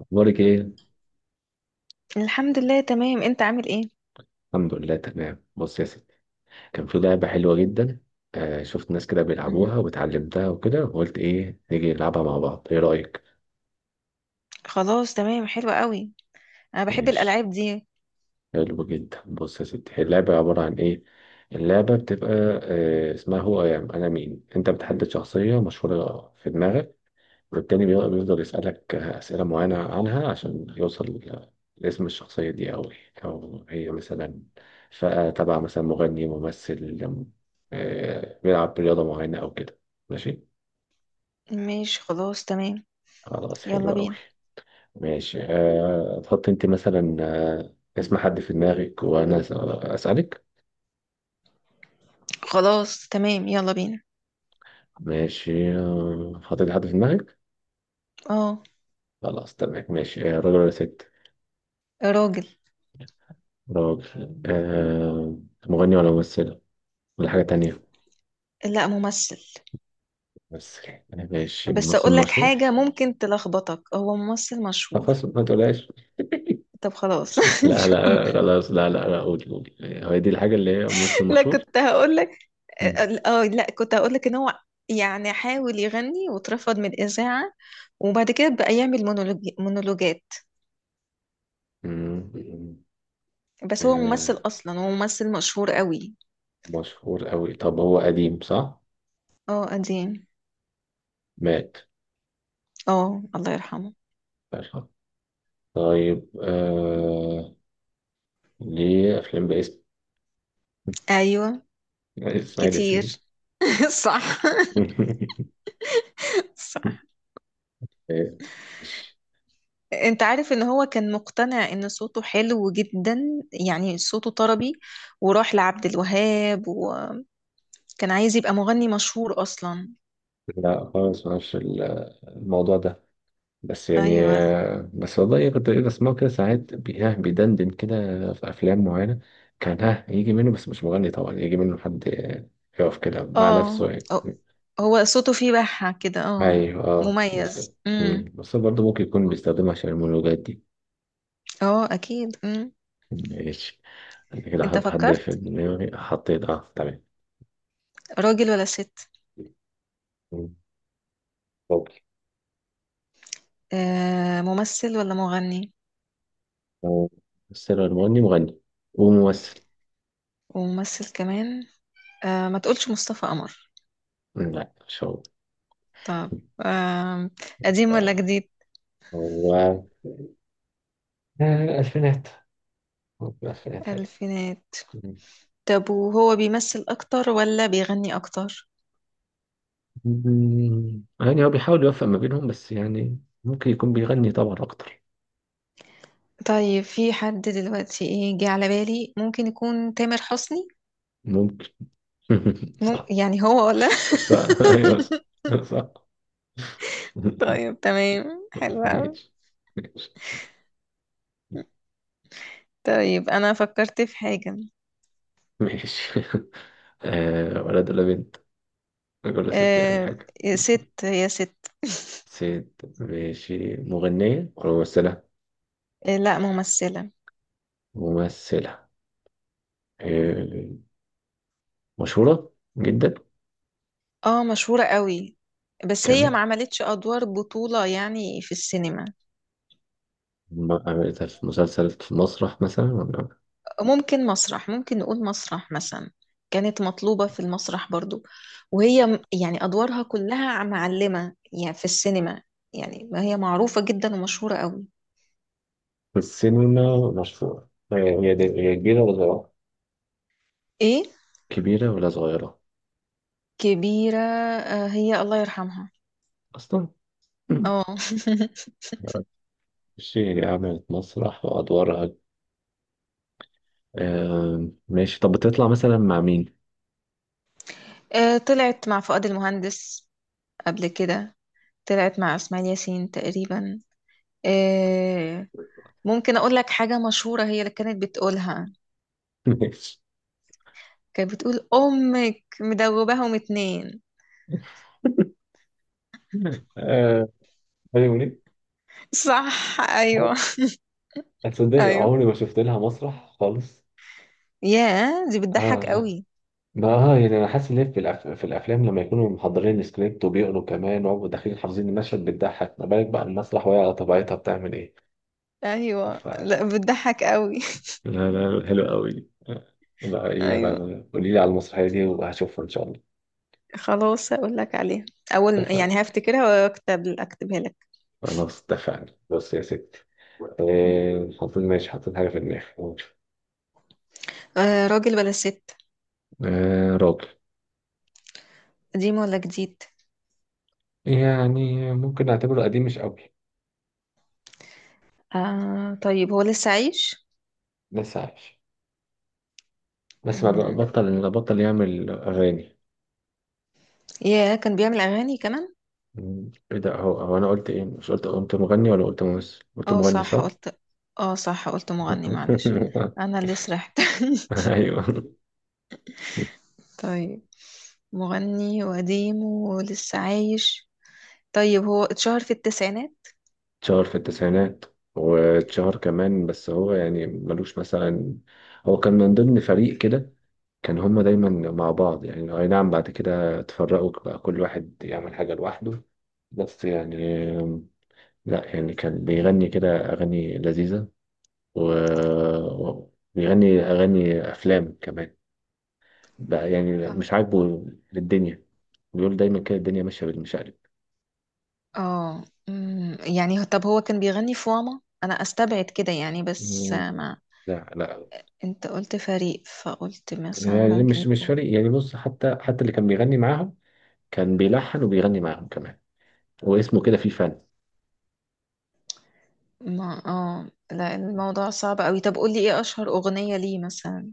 اخبارك ايه؟ الحمد لله، تمام. انت عامل ايه؟ الحمد لله تمام. بص يا سيدي، كان في لعبه حلوه جدا. شفت ناس كده مهم. بيلعبوها واتعلمتها وكده، وقلت ايه نيجي نلعبها مع بعض، ايه رايك؟ خلاص تمام، حلو قوي. انا بحب ماشي. الالعاب دي. حلو جدا. بص يا سيدي، هي اللعبه عباره عن ايه؟ اللعبه بتبقى اسمها هو أيام انا مين. انت بتحدد شخصيه مشهوره في دماغك، والتاني بيفضل يسألك أسئلة معينة عنها عشان يوصل لاسم الشخصية دي، أو هي مثلا فئة تبع مثلا مغني، ممثل، بيلعب رياضة معينة أو كده. ماشي. ماشي، خلاص تمام. خلاص يلا حلو أوي. بينا. ماشي، أه تحط أنت مثلا اسم حد في دماغك، وأنا أسألك. خلاص تمام، يلا بينا. ماشي، حطيت حد في دماغك. اه. خلاص تمام. ماشي، راجل ولا ست؟ راجل. راجل. أه. مغني ولا ممثل ولا حاجة تانية؟ لا، ممثل. بس يعني ماشي، بس الممثل اقول لك مشهور؟ حاجة ممكن تلخبطك، هو ممثل طب مشهور. خلاص، ما تقولهاش. طب خلاص. لا لا خلاص، لا لا لا، قولي قولي، هو دي الحاجة اللي هي ممثل لا، مشهور. كنت هقول لك. اه. مم. آه، لا كنت هقول لك ان هو يعني حاول يغني واترفض من الإذاعة. وبعد كده بقى يعمل مونولوجات. مم. بس هو آه، ممثل أصلا، هو ممثل مشهور قوي. مشهور قوي. طب هو قديم صح؟ اه، قديم. مات؟ اه، الله يرحمه. طيب آه، ليه أفلام باسم ايوه. إسماعيل كتير. ياسين. صح. صح. آه، مش- انت عارف ان هو كان مقتنع ان صوته حلو جدا، يعني صوته طربي. وراح لعبد الوهاب، وكان عايز يبقى مغني مشهور اصلا. لا خالص، ما أعرفش الموضوع ده، بس يعني ايوه. بس والله إيه، كنت ايه بسمعه كده ساعات ها بيدندن كده في افلام معينه. كان ها يجي منه، بس مش مغني طبعا، يجي منه حد يقف كده مع اه. نفسه يعني. اه. هو صوته فيه بحة كده، اه. ايوه اه مميز. بالظبط. مم. بس برضه ممكن يكون بيستخدمها عشان المونولوجات دي. اه، اكيد. ماشي. انا كده انت حط حد في فكرت؟ دماغي، حطيت اه تمام. راجل ولا ست؟ مم. اوكي. آه، ممثل ولا مغني؟ آه، بس أنا المغني مغني وممثل. وممثل كمان. آه، ما تقولش مصطفى قمر. مم، لا مش هو. طب. آه. قديم ولا آه، جديد؟ هو الفينات، هو في الألفينات. حلو. الفينات. طب، وهو بيمثل اكتر ولا بيغني اكتر؟ مم، يعني هو بيحاول يوفق ما بينهم، بس يعني ممكن يكون بيغني طبعا أكتر. طيب، في حد دلوقتي، ايه، جه على بالي ممكن يكون تامر حسني. ممكن. صح. يعني هو ولا؟ صح أيوه، صح صح. طيب، تمام. حلو قوي. ماشي. ماشي. طيب، انا فكرت في حاجة. ماشي. آه، ولد ولا بنت، ولا ست يعني آه. حاجة؟ يا ست، يا ست. ست؟ ماشي، مغنية ولا ممثلة؟ آه، لا، ممثلة. ممثلة. آه. مشهورة جدا. اه، مشهورة قوي. بس هي كمان ما عملتش ادوار بطولة يعني في السينما. ما عملتها في مسلسل، في مسرح مثلا ولا ممكن مسرح، ممكن نقول مسرح مثلا. كانت مطلوبة في المسرح برضو. وهي يعني أدوارها كلها معلمة، يعني في السينما. يعني ما هي معروفة جدا ومشهورة قوي. في السينما؟ مشهورة هي. هي كبيرة ولا صغيرة؟ إيه؟ كبيرة ولا صغيرة؟ كبيرة. آه، هي الله يرحمها. أصلا. اه. ماشي، عملت مسرح وأدوارها. آه ماشي، طب بتطلع مثلا مع مين؟ آه، طلعت مع فؤاد المهندس قبل كده. طلعت مع إسماعيل ياسين تقريبا. آه، ممكن أقول لك حاجة مشهورة هي اللي كانت بتقولها. ماشي. كانت بتقول أمك مدوباهم اتنين. آه، هاني منيب. صح، أيوه. هتصدقي ايوه. عمري ما شفت لها مسرح خالص. ياه، دي اه بتضحك والله. قوي. ما اه يعني انا حاسس ان هي في في الافلام، لما يكونوا محضرين السكريبت وبيقروا كمان ويبقوا داخلين حافظين المشهد بتضحك، ما بالك بقى المسرح وهي على طبيعتها بتعمل ايه. ايوه، ف... لا، بتضحك قوي. لا لا حلو قوي. لا ايه بقى، ايوه. قولي لي على المسرحيه دي وهشوفها ان شاء الله. خلاص، هقول لك عليها. اول اتفقنا. يعني هفتكرها، اكتبها لك. خلاص اتفقنا. بص يا ستي، حطيت، ماشي، حطيت حاجة في دماغي، قول. آه، راجل بلا ست. راجل. قديم ولا جديد؟ يعني ممكن نعتبره قديم مش قوي. آه، طيب، هو لسه عايش. لسه عايش، بس ما بقى- مم. بطل يعمل أغاني. ياه، كان بيعمل اغاني كمان. مم، ايه ده. هو انا قلت ايه، مش قلت، قلت مغني ولا قلت ممثل؟ قلت اه، مغني صح صح. قلت. اه، صح قلت مغني، معلش. انا اللي سرحت. ايوه. طيب. مغني وقديم ولسه عايش. طيب، هو اتشهر في التسعينات. اتشهر في التسعينات. واتشهر كمان، بس هو يعني ملوش مثلا، هو كان من ضمن فريق كده، كان هما دايما مع بعض. يعني أي نعم، بعد كده اتفرقوا بقى كل واحد يعمل حاجة لوحده. بس يعني، لا يعني كان بيغني كده أغاني لذيذة، و... بيغني أغاني أفلام كمان. بقى يعني مش عاجبه للدنيا، بيقول دايما كده الدنيا ماشية بالمشقلب. اه، يعني طب هو كان بيغني في، واما انا استبعد كده يعني، بس مم. ما لا لا. انت قلت فريق فقلت مثلا يعني ممكن مش يكون. فارق يعني، بص، حتى اللي كان بيغني معاهم، كان بيلحن وبيغني معاهم كمان، واسمه كده فيه فن. ما، اه، لا، الموضوع صعب قوي. طب قولي، ايه اشهر اغنية ليه مثلا؟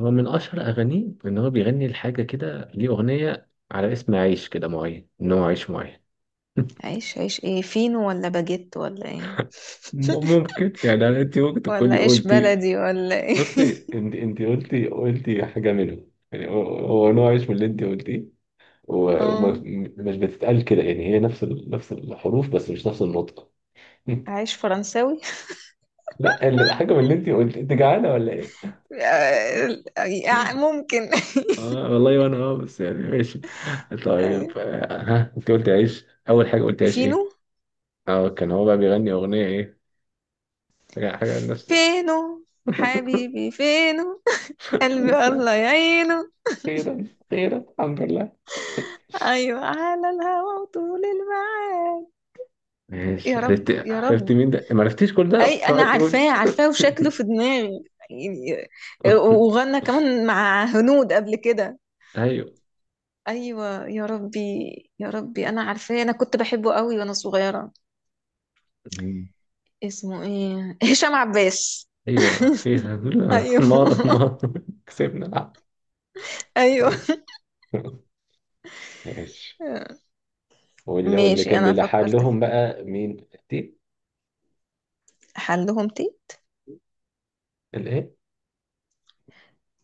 هو من اشهر اغانيه ان هو بيغني لحاجه كده، ليه اغنيه على اسم عيش كده معين، ان هو عيش معين. عيش، عيش ايه، فينو ولا باجيت ولا ايه؟ ممكن يعني، انت ممكن ولا تكوني عيش قلتي. بلدي ولا ايه؟ بصي، انت قلتي حاجه منهم يعني، هو نوع عيش من اللي انت قلتيه، وما اه، مش بتتقال كده يعني، هي نفس نفس الحروف بس مش نفس النطق. عيش فرنساوي؟ لا، اللي حاجه من اللي انت قلت، انت جعانه ولا ايه؟ آه، آه، ممكن. اه والله. وانا اه بس يعني ماشي. أيوة. طيب ها انت قلت عيش اول حاجه، قلت عيش فينو. ايه؟ اه كان هو بقى بيغني اغنيه ايه، حاجه الناس. فينو حبيبي فينو. قلبي لسه. الله يعينه. خيرا خيرا. الحمد لله. ايوه، على الهوا وطول الميعاد. ماشي يا رب، عرفت. يا عرفت رب. مين ده، ما عرفتيش كل ده، اي، انا اوعى تقولي. عارفاه عارفاه، وشكله في دماغي، يعني. وغنى كمان مع هنود قبل كده. ايوه. ايوه. يا ربي. يا ربي، انا عارفاه، انا كنت بحبه قوي وانا صغيره. اسمه ايه، هشام عباس. ايوه اخيرا. ايوه. ما ما كسبنا. العب. ايوه. ماشي. ماشي. واللي ماشي، كان انا بيلحق فكرت في لهم حاجة. بقى مين دي؟ احلهم تي. الايه؟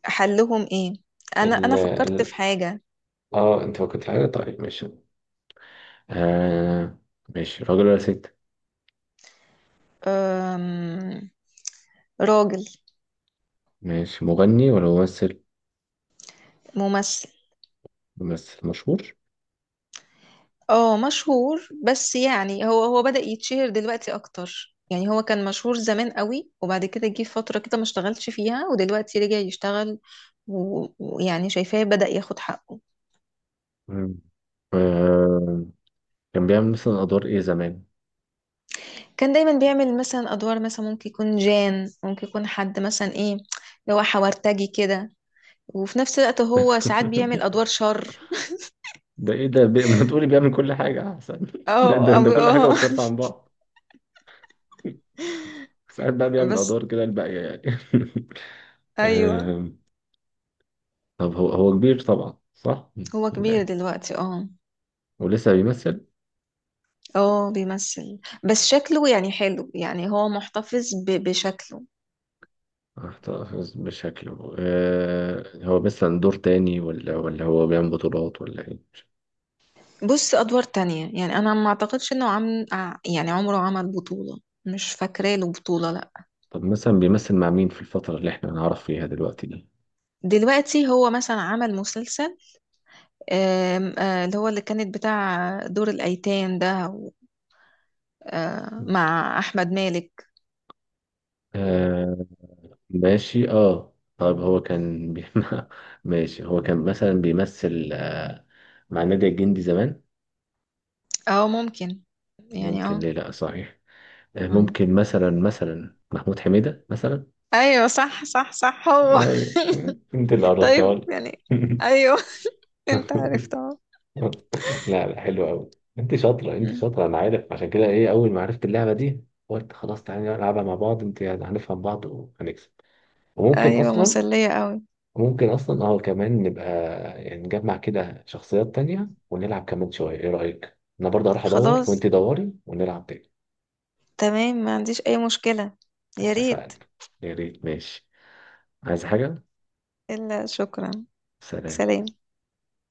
احلهم ايه. انا ال انا فكرت في ال- حاجه. اه انت فكرت في حاجه، طيب ماشي. آه ماشي، راجل ولا ست؟ أم... راجل. ماشي، مغني ولا ممثل؟ ممثل. ممثل مشهور. اه، مشهور. بس يعني هو بدأ يتشهر دلوقتي اكتر، يعني هو كان مشهور زمان قوي، وبعد كده جه فترة كده ما اشتغلش فيها، ودلوقتي رجع يشتغل. ويعني شايفاه بدأ ياخد حقه. مم. آه، كان بيعمل مثلا ادوار ايه زمان؟ كان دايما بيعمل مثلا ادوار، مثلا ممكن يكون جان، ممكن يكون حد مثلا، ايه اللي هو حورتجي كده. وفي نفس الوقت هو ساعات بيعمل ادوار شر. ده ايه ده ما تقولي بيعمل كل حاجه احسن. اه. ده, ده, اه. ده كل حاجه آه. مختلفه عن بعض. ساعات بقى بيعمل بس. ادوار كده الباقيه يعني. ايوه. آه، طب هو كبير طبعا صح؟ هو ولا كبير إيه؟ دلوقتي، اه. ولسه بيمثل. اه، بيمثل. بس شكله يعني حلو، يعني هو محتفظ بشكله. احتفظ بشكله. هو مثلا دور تاني، ولا هو بيعمل بطولات ولا ايه؟ بص، ادوار تانية يعني. انا ما اعتقدش انه عم يعني عمره عمل بطولة. مش فاكرة له بطولة، لا. طب مثلا بيمثل مع مين في الفتره اللي احنا نعرف فيها دلوقتي دي؟ دلوقتي هو مثلا عمل مسلسل، اللي هو اللي كانت بتاع دور الايتام ده آه، مع احمد مالك. آه، ماشي اه. طب هو كان ماشي. هو كان مثلا بيمثل مع النادي الجندي زمان. اه، ممكن، يعني، ممكن، اه. ليه لا، صحيح. أيوة. ممكن مثلا، محمود حميدة مثلا. ايوه، صح، صح، صح، هو. هاي. انت اللي عرفتها طيب، لي. يعني. ايوه. انت عرفت، اه. لا لا حلو قوي. انت شاطرة انت أمم. شاطرة. انا عارف، عشان كده ايه اول ما عرفت اللعبة دي قلت خلاص تعالى نلعبها مع بعض انت، يعني هنفهم بعض وهنكسب. وممكن ايوه، اصلا، مسلية قوي. ممكن اصلا اه كمان نبقى يعني نجمع كده شخصيات تانية ونلعب كمان شوية، ايه رأيك؟ انا برضه هروح ادور خلاص. وانت دوري ونلعب تاني. تمام، ما عنديش أي مشكلة. يا ريت. اتفقنا. يا ريت ماشي. عايز حاجة؟ إلا، شكرا. سلام. سلام.